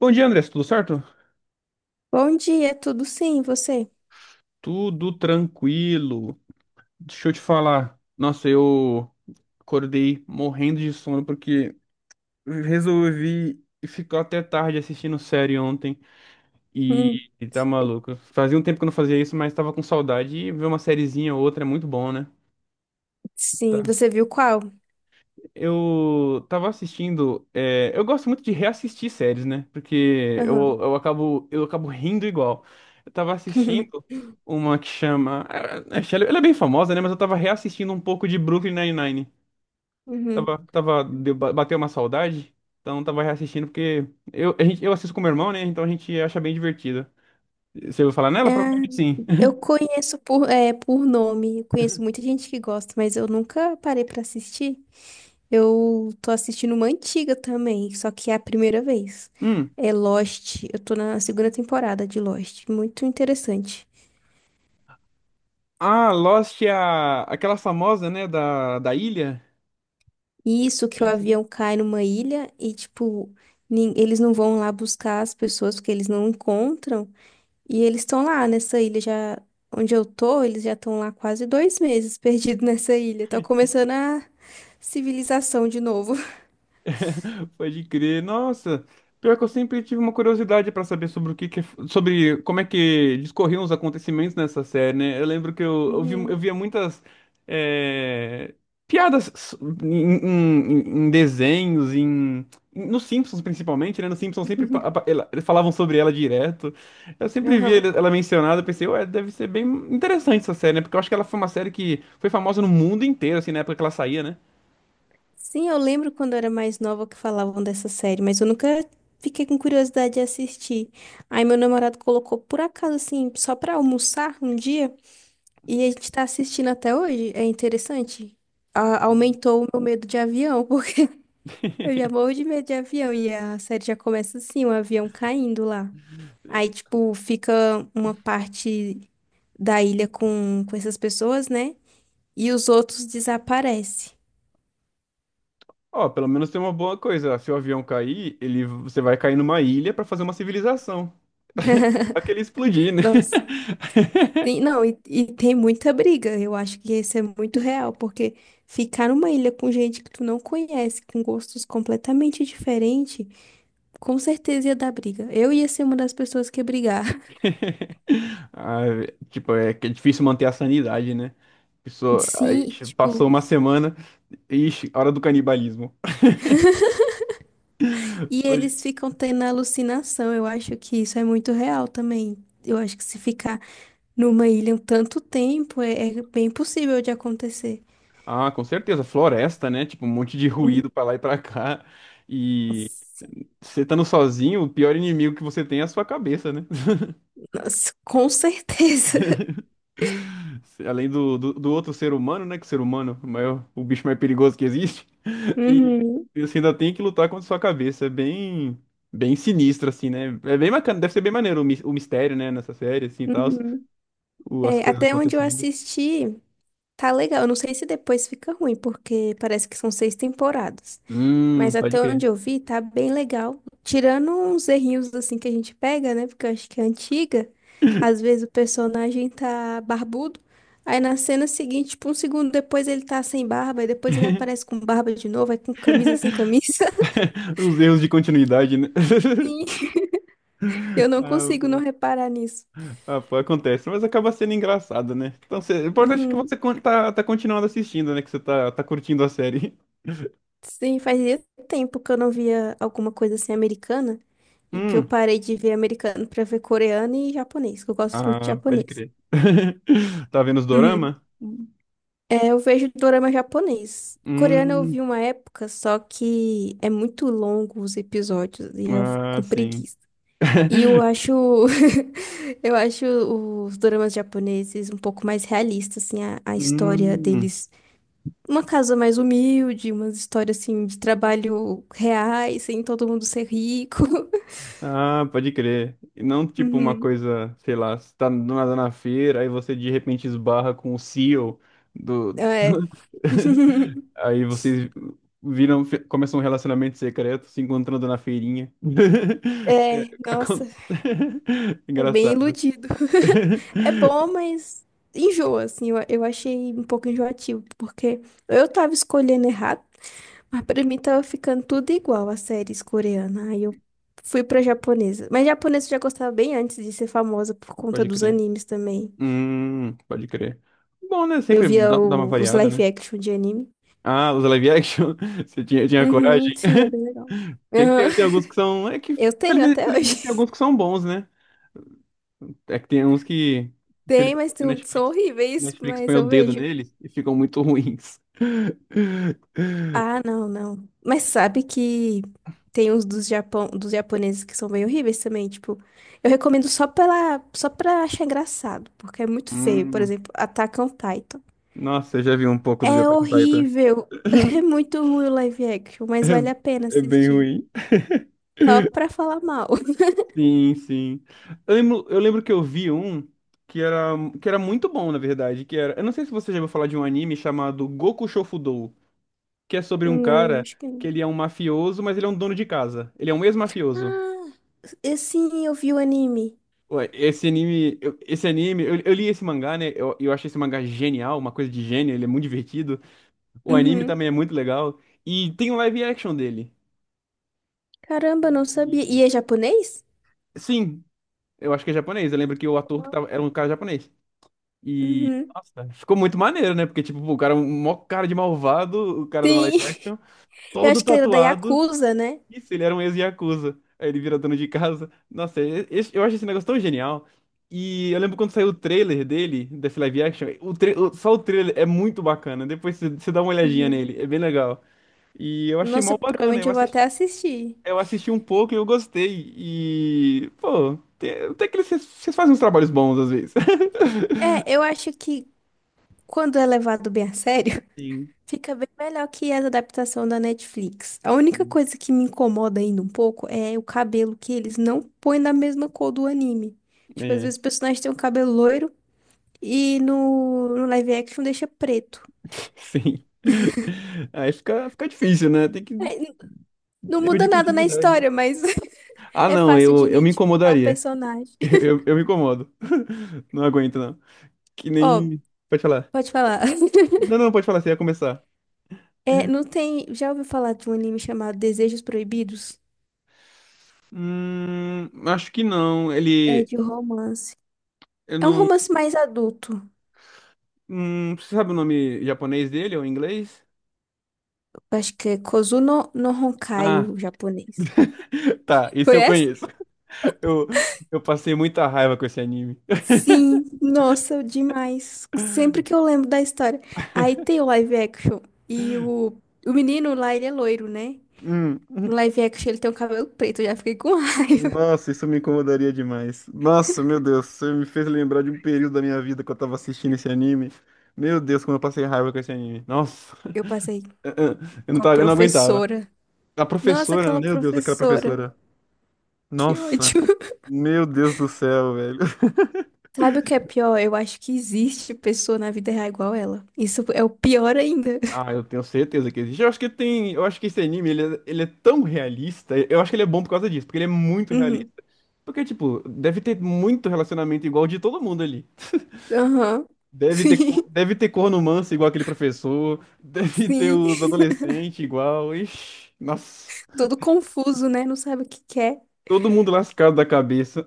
Bom dia, André, tudo certo? Bom dia, tudo sim, você? Tudo tranquilo. Deixa eu te falar. Nossa, eu acordei morrendo de sono porque resolvi ficar até tarde assistindo série ontem Hum, e tá maluco. Fazia um tempo que eu não fazia isso, mas tava com saudade e ver uma sériezinha ou outra é muito bom, né? sim, Tá. você viu qual? Eu tava assistindo. Eu gosto muito de reassistir séries, né? Porque eu, Aham. eu acabo, eu acabo rindo igual. Eu tava assistindo uma que chama. Ela é bem famosa, né? Mas eu tava reassistindo um pouco de Brooklyn Nine-Nine. Uhum. Bateu uma saudade. Então tava reassistindo porque eu assisto com meu irmão, né? Então a gente acha bem divertida. Você ouviu falar nela? Ah, Provavelmente sim. eu conheço por, por nome, eu conheço muita gente que gosta, mas eu nunca parei pra assistir. Eu tô assistindo uma antiga também, só que é a primeira vez. Hum. É Lost, eu tô na segunda temporada de Lost, muito interessante. Ah, Lost é aquela famosa, né? Da ilha. Isso que o avião cai numa ilha e, tipo, eles não vão lá buscar as pessoas porque eles não encontram. E eles estão lá nessa ilha já. Onde eu tô, eles já estão lá quase 2 meses perdidos nessa ilha. Tá começando a civilização de novo. Pode crer. Nossa, pior que eu sempre tive uma curiosidade pra saber sobre sobre como é que discorriam os acontecimentos nessa série, né? Eu lembro que eu Uhum. via muitas é, piadas em desenhos, em nos Simpsons principalmente, né? Nos Simpsons sempre pa- apa- ela- eles falavam sobre ela direto. Eu sempre via Aham. ele- ela mencionada, eu pensei, ué, deve ser bem interessante essa série, né? Porque eu acho que ela foi uma série que foi famosa no mundo inteiro, assim, na época que ela saía, né? Sim, eu lembro quando eu era mais nova que falavam dessa série, mas eu nunca fiquei com curiosidade de assistir. Aí meu namorado colocou por acaso, assim, só pra almoçar um dia, e a gente tá assistindo até hoje. É interessante. Aumentou o meu medo de avião, porque eu já morro de medo de avião, e a série já começa assim, um avião caindo lá. Aí, tipo, fica uma parte da ilha com essas pessoas, né? E os outros desaparecem. Ó, pelo menos tem uma boa coisa. Se o avião cair, você vai cair numa ilha pra fazer uma civilização. Só que ele explodir, né? Nossa, não, e tem muita briga. Eu acho que isso é muito real, porque ficar numa ilha com gente que tu não conhece, com gostos completamente diferentes, com certeza ia dar briga. Eu ia ser uma das pessoas que ia brigar. Ah, tipo, é que é difícil manter a sanidade, né? Pessoa, aí Sim, passou tipo, uma semana, ixi, hora do canibalismo. e Foi- eles ficam tendo alucinação. Eu acho que isso é muito real também. Eu acho que se ficar numa ilha em tanto tempo é, é bem possível de acontecer. Ah, com certeza, floresta, né? Tipo, um monte de Hum, ruído pra lá e pra cá. E você estando sozinho, o pior inimigo que você tem é a sua cabeça, né? Nossa, com certeza. Além do outro ser humano, né? Que o ser humano é o maior, o bicho mais perigoso que existe. E Uhum, e você ainda tem que lutar contra sua cabeça. É bem sinistro, assim, né? É bem bacana, deve ser bem maneiro o mistério, né? Nessa série, assim, e tal, uhum. As É, coisas até onde eu acontecendo. assisti, tá legal. Eu não sei se depois fica ruim, porque parece que são seis temporadas. Mas Pode até crer. onde eu vi, tá bem legal. Tirando uns errinhos assim que a gente pega, né? Porque eu acho que é antiga. Às vezes o personagem tá barbudo. Aí na cena seguinte, tipo, um segundo depois ele tá sem barba, e depois ele aparece com barba de novo, aí com camisa sem camisa. Os erros de continuidade, né? Sim, eu não Ah, consigo não pô, reparar nisso. ah, pô, acontece, mas acaba sendo engraçado, né? Então, cê, o importante é que Uhum. Tá continuando assistindo, né? Que tá curtindo a série. Sim, fazia tempo que eu não via alguma coisa assim americana, e que eu Hum, parei de ver americano pra ver coreano e japonês, que eu gosto muito de ah, pode japonês. crer. Tá vendo os dorama? É, eu vejo dorama japonês. Coreano eu Hum, vi uma época, só que é muito longo os episódios e eu fico ah, com sim. preguiça. E eu acho eu acho os doramas japoneses um pouco mais realistas, assim, a história Hum, deles. Uma casa mais humilde, umas histórias assim de trabalho reais, sem todo mundo ser rico. ah, pode crer. E não tipo uma Uhum. coisa, sei lá, você tá do nada na feira, aí você de repente esbarra com o CEO do. É. Aí vocês começam um relacionamento secreto, se encontrando na feirinha. É, É, nossa. acon- É bem Engraçado. iludido. É bom, mas enjoa, assim. Eu achei um pouco enjoativo, porque eu tava escolhendo errado, mas pra mim tava ficando tudo igual às séries coreanas. Aí eu fui pra japonesa. Mas japonesa eu já gostava bem antes de ser famosa por conta Pode dos crer. animes também. Pode crer. Bom, né? Eu Sempre via dá uma os variada, live né? action de anime. Ah, os live action? Você tinha Uhum, coragem? sim, é bem legal. Tem que Aham. ter, tem alguns que são. É que, Eu tenho até infelizmente, tem hoje. alguns que são bons, né? É que tem uns que. Tem, Infelizmente, mas tem são horríveis, Netflix mas põe o eu dedo vejo. neles e ficam muito ruins. Ah, não, não. Mas sabe que tem uns dos Japão, dos japoneses que são bem horríveis também, tipo, eu recomendo só pela, só pra achar engraçado, porque é muito feio, por Hum, exemplo, Attack on Titan. nossa, eu já vi um pouco do É Attack on Titan. horrível, é muito ruim o live action, mas vale a pena É bem assistir, ruim. só pra falar mal. Sim, sim. Eu lembro que eu vi um que era, que era muito bom, na verdade, que era, eu não sei se você já ouviu falar de um anime chamado Goku Shofudou, que é sobre um Não, cara acho que que não. ele é um mafioso, mas ele é um dono de casa. Ele é um ex-mafioso. Ah, sim, eu vi o anime. Ué, esse anime, eu li esse mangá, né? Eu achei esse mangá genial, uma coisa de gênio, ele é muito divertido. O anime Uhum. também é muito legal. E tem um live action dele. Caramba, não sabia. E E- é japonês? sim, eu acho que é japonês. Eu lembro que o ator que tava, era um cara japonês. E, Uhum. nossa, ficou muito maneiro, né? Porque, tipo, pô, o cara, é um mó cara de malvado, o cara de uma Sim. live action, Eu todo acho que ele era da tatuado. Yakuza, né? Isso, ele era um ex-yakuza. Aí ele vira dono de casa. Nossa, eu acho esse negócio tão genial. E eu lembro quando saiu o trailer dele, desse live action, só o trailer é muito bacana. Depois você dá uma olhadinha Uhum. nele, é bem legal. E eu achei Nossa, mal bacana, provavelmente eu vou até assistir. eu assisti um pouco e eu gostei. E, pô, vocês fazem uns trabalhos bons às vezes. É, eu acho que quando é levado bem a sério, Sim, fica bem melhor que a adaptação da Netflix. A única sim. coisa que me incomoda ainda um pouco é o cabelo que eles não põem da mesma cor do anime. Tipo, às É, vezes o personagem tem um cabelo loiro e no, no live action deixa preto. sim. Aí fica difícil, né? Tem que É, não erro muda de nada na continuidade, né? história, mas Ah, é não, fácil de eu me identificar o incomodaria. personagem. Eu, eu, eu me incomodo. Não aguento, não. Que Ó, nem. Pode falar. pode falar. Não, não, pode falar, você ia começar. É, não tem. Já ouviu falar de um anime chamado Desejos Proibidos? Acho que não. É Ele. de romance. Eu É um não. romance mais adulto. Você sabe o nome japonês dele ou inglês? Eu acho que é Kozuno no Honkai, Ah, o japonês. tá, isso eu Conhece? conheço. Eu, eu passei muita raiva com esse anime. Sim, nossa, demais. Sempre que eu lembro da história. Aí tem o live action. E o menino lá, ele é loiro, né? No Hum. live action ele tem um cabelo preto. Eu já fiquei com raiva. Nossa, isso me incomodaria demais. Nossa, meu Deus, você me fez lembrar de um período da minha vida que eu tava assistindo esse anime. Meu Deus, como eu passei raiva com esse anime. Nossa, Eu passei eu não com a tava, eu não aguentava. professora. A Nossa, professora, aquela meu Deus, aquela professora. professora. Que ódio. Nossa, meu Deus do céu, velho. Sabe o que é pior? Eu acho que existe pessoa na vida real igual ela. Isso é o pior ainda. Ah, eu tenho certeza que existe. Eu acho que tem, eu acho que esse anime, ele é tão realista. Eu acho que ele é bom por causa disso, porque ele é muito realista. Uhum. Porque, tipo, deve ter muito relacionamento igual de todo mundo ali. Aham. Sim, Deve ter corno manso igual aquele professor, deve ter sim. os adolescentes igual. Ixi, nossa, Todo confuso, né? Não sabe o que quer. todo mundo lascado da cabeça.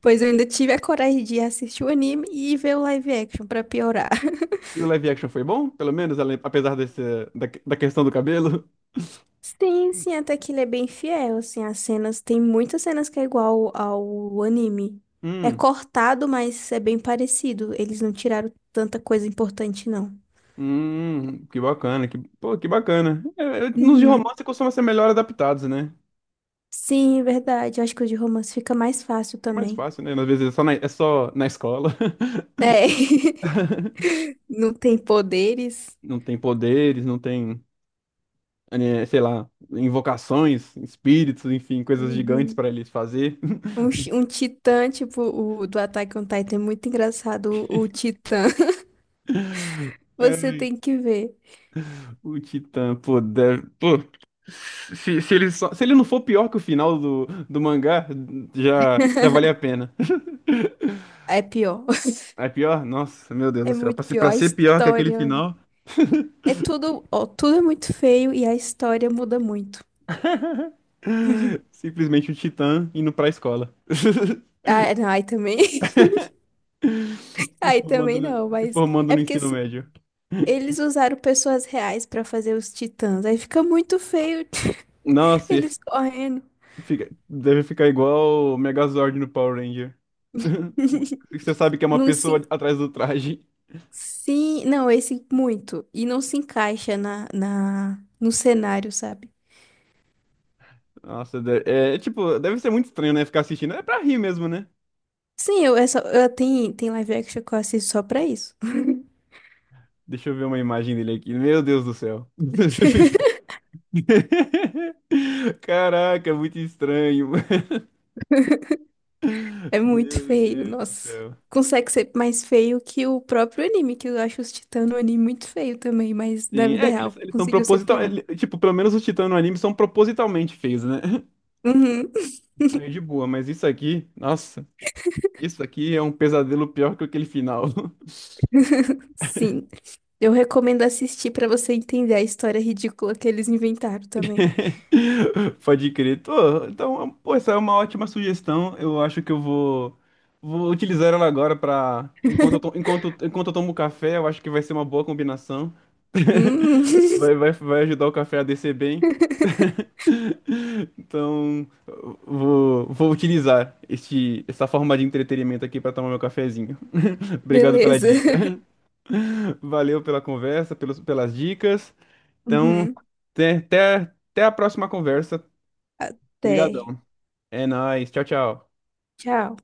Pois eu ainda tive a coragem de assistir o anime e ver o live action pra piorar. E o live action foi bom, pelo menos, apesar desse, da questão do cabelo? Sim, sim, até que ele é bem fiel, assim, as cenas, tem muitas cenas que é igual ao anime. É Hum, cortado, mas é bem parecido. Eles não tiraram tanta coisa importante, não. Que bacana, pô, que bacana. Nos de Uhum. romance costumam ser melhor adaptados, né? Sim, é verdade. Eu acho que o de romance fica mais fácil É mais também. fácil, né? Às vezes é é só na escola. É, não tem poderes. Não tem poderes, não tem, eh, sei lá, invocações, espíritos, enfim, coisas gigantes Uhum. para eles fazer. Um titã, tipo, o do Attack on Titan, é muito engraçado. O titã, você Ai, tem que ver. o Titã, pô, se ele só, se ele não for pior que o final do mangá, já vale a pena. É pior. É pior? Nossa, meu Deus do É céu. Muito pior. Pra A ser pior que aquele história. final, É tudo, ó, tudo é muito feio e a história muda muito. simplesmente o Titã indo pra escola. Ah, não, aí também. Aí também não, se mas. formando É no porque ensino assim, médio. eles usaram pessoas reais pra fazer os titãs. Aí fica muito feio Nossa, ia eles correndo. Deve ficar igual o Megazord no Power Ranger. Você sabe que é uma Não se. En- pessoa atrás do traje. Sim, não, esse muito. E não se encaixa no cenário, sabe? É, tipo, deve ser muito estranho, né? Ficar assistindo. É pra rir mesmo, né? Sim, eu, é só, tem live action que eu assisto só pra isso. Deixa eu ver uma imagem dele aqui. Meu Deus do céu. Caraca, é muito estranho. É muito Meu feio, Deus do nossa. céu. Consegue ser mais feio que o próprio anime, que eu acho os Titãs no anime muito feio também, mas da Sim, vida é que real eles são conseguiu ser proposital. pior. Tipo, pelo menos os titãs no anime são propositalmente feios, né? Uhum. Aí de boa, mas isso aqui, nossa, isso aqui é um pesadelo pior que aquele final. Sim. Eu recomendo assistir pra você entender a história ridícula que eles inventaram também. Pode crer. Tô, então, pô, essa é uma ótima sugestão. Eu acho que vou utilizar ela agora para enquanto eu tomo café, eu acho que vai ser uma boa combinação. Hum. Vai ajudar o café a descer bem. Então, vou utilizar essa forma de entretenimento aqui para tomar meu cafezinho. Obrigado pela Beleza. dica. Valeu pela conversa, pelas dicas. Então, Uhum. até até a próxima conversa. Obrigado. Até. É nóis. Tchau, tchau. Tchau.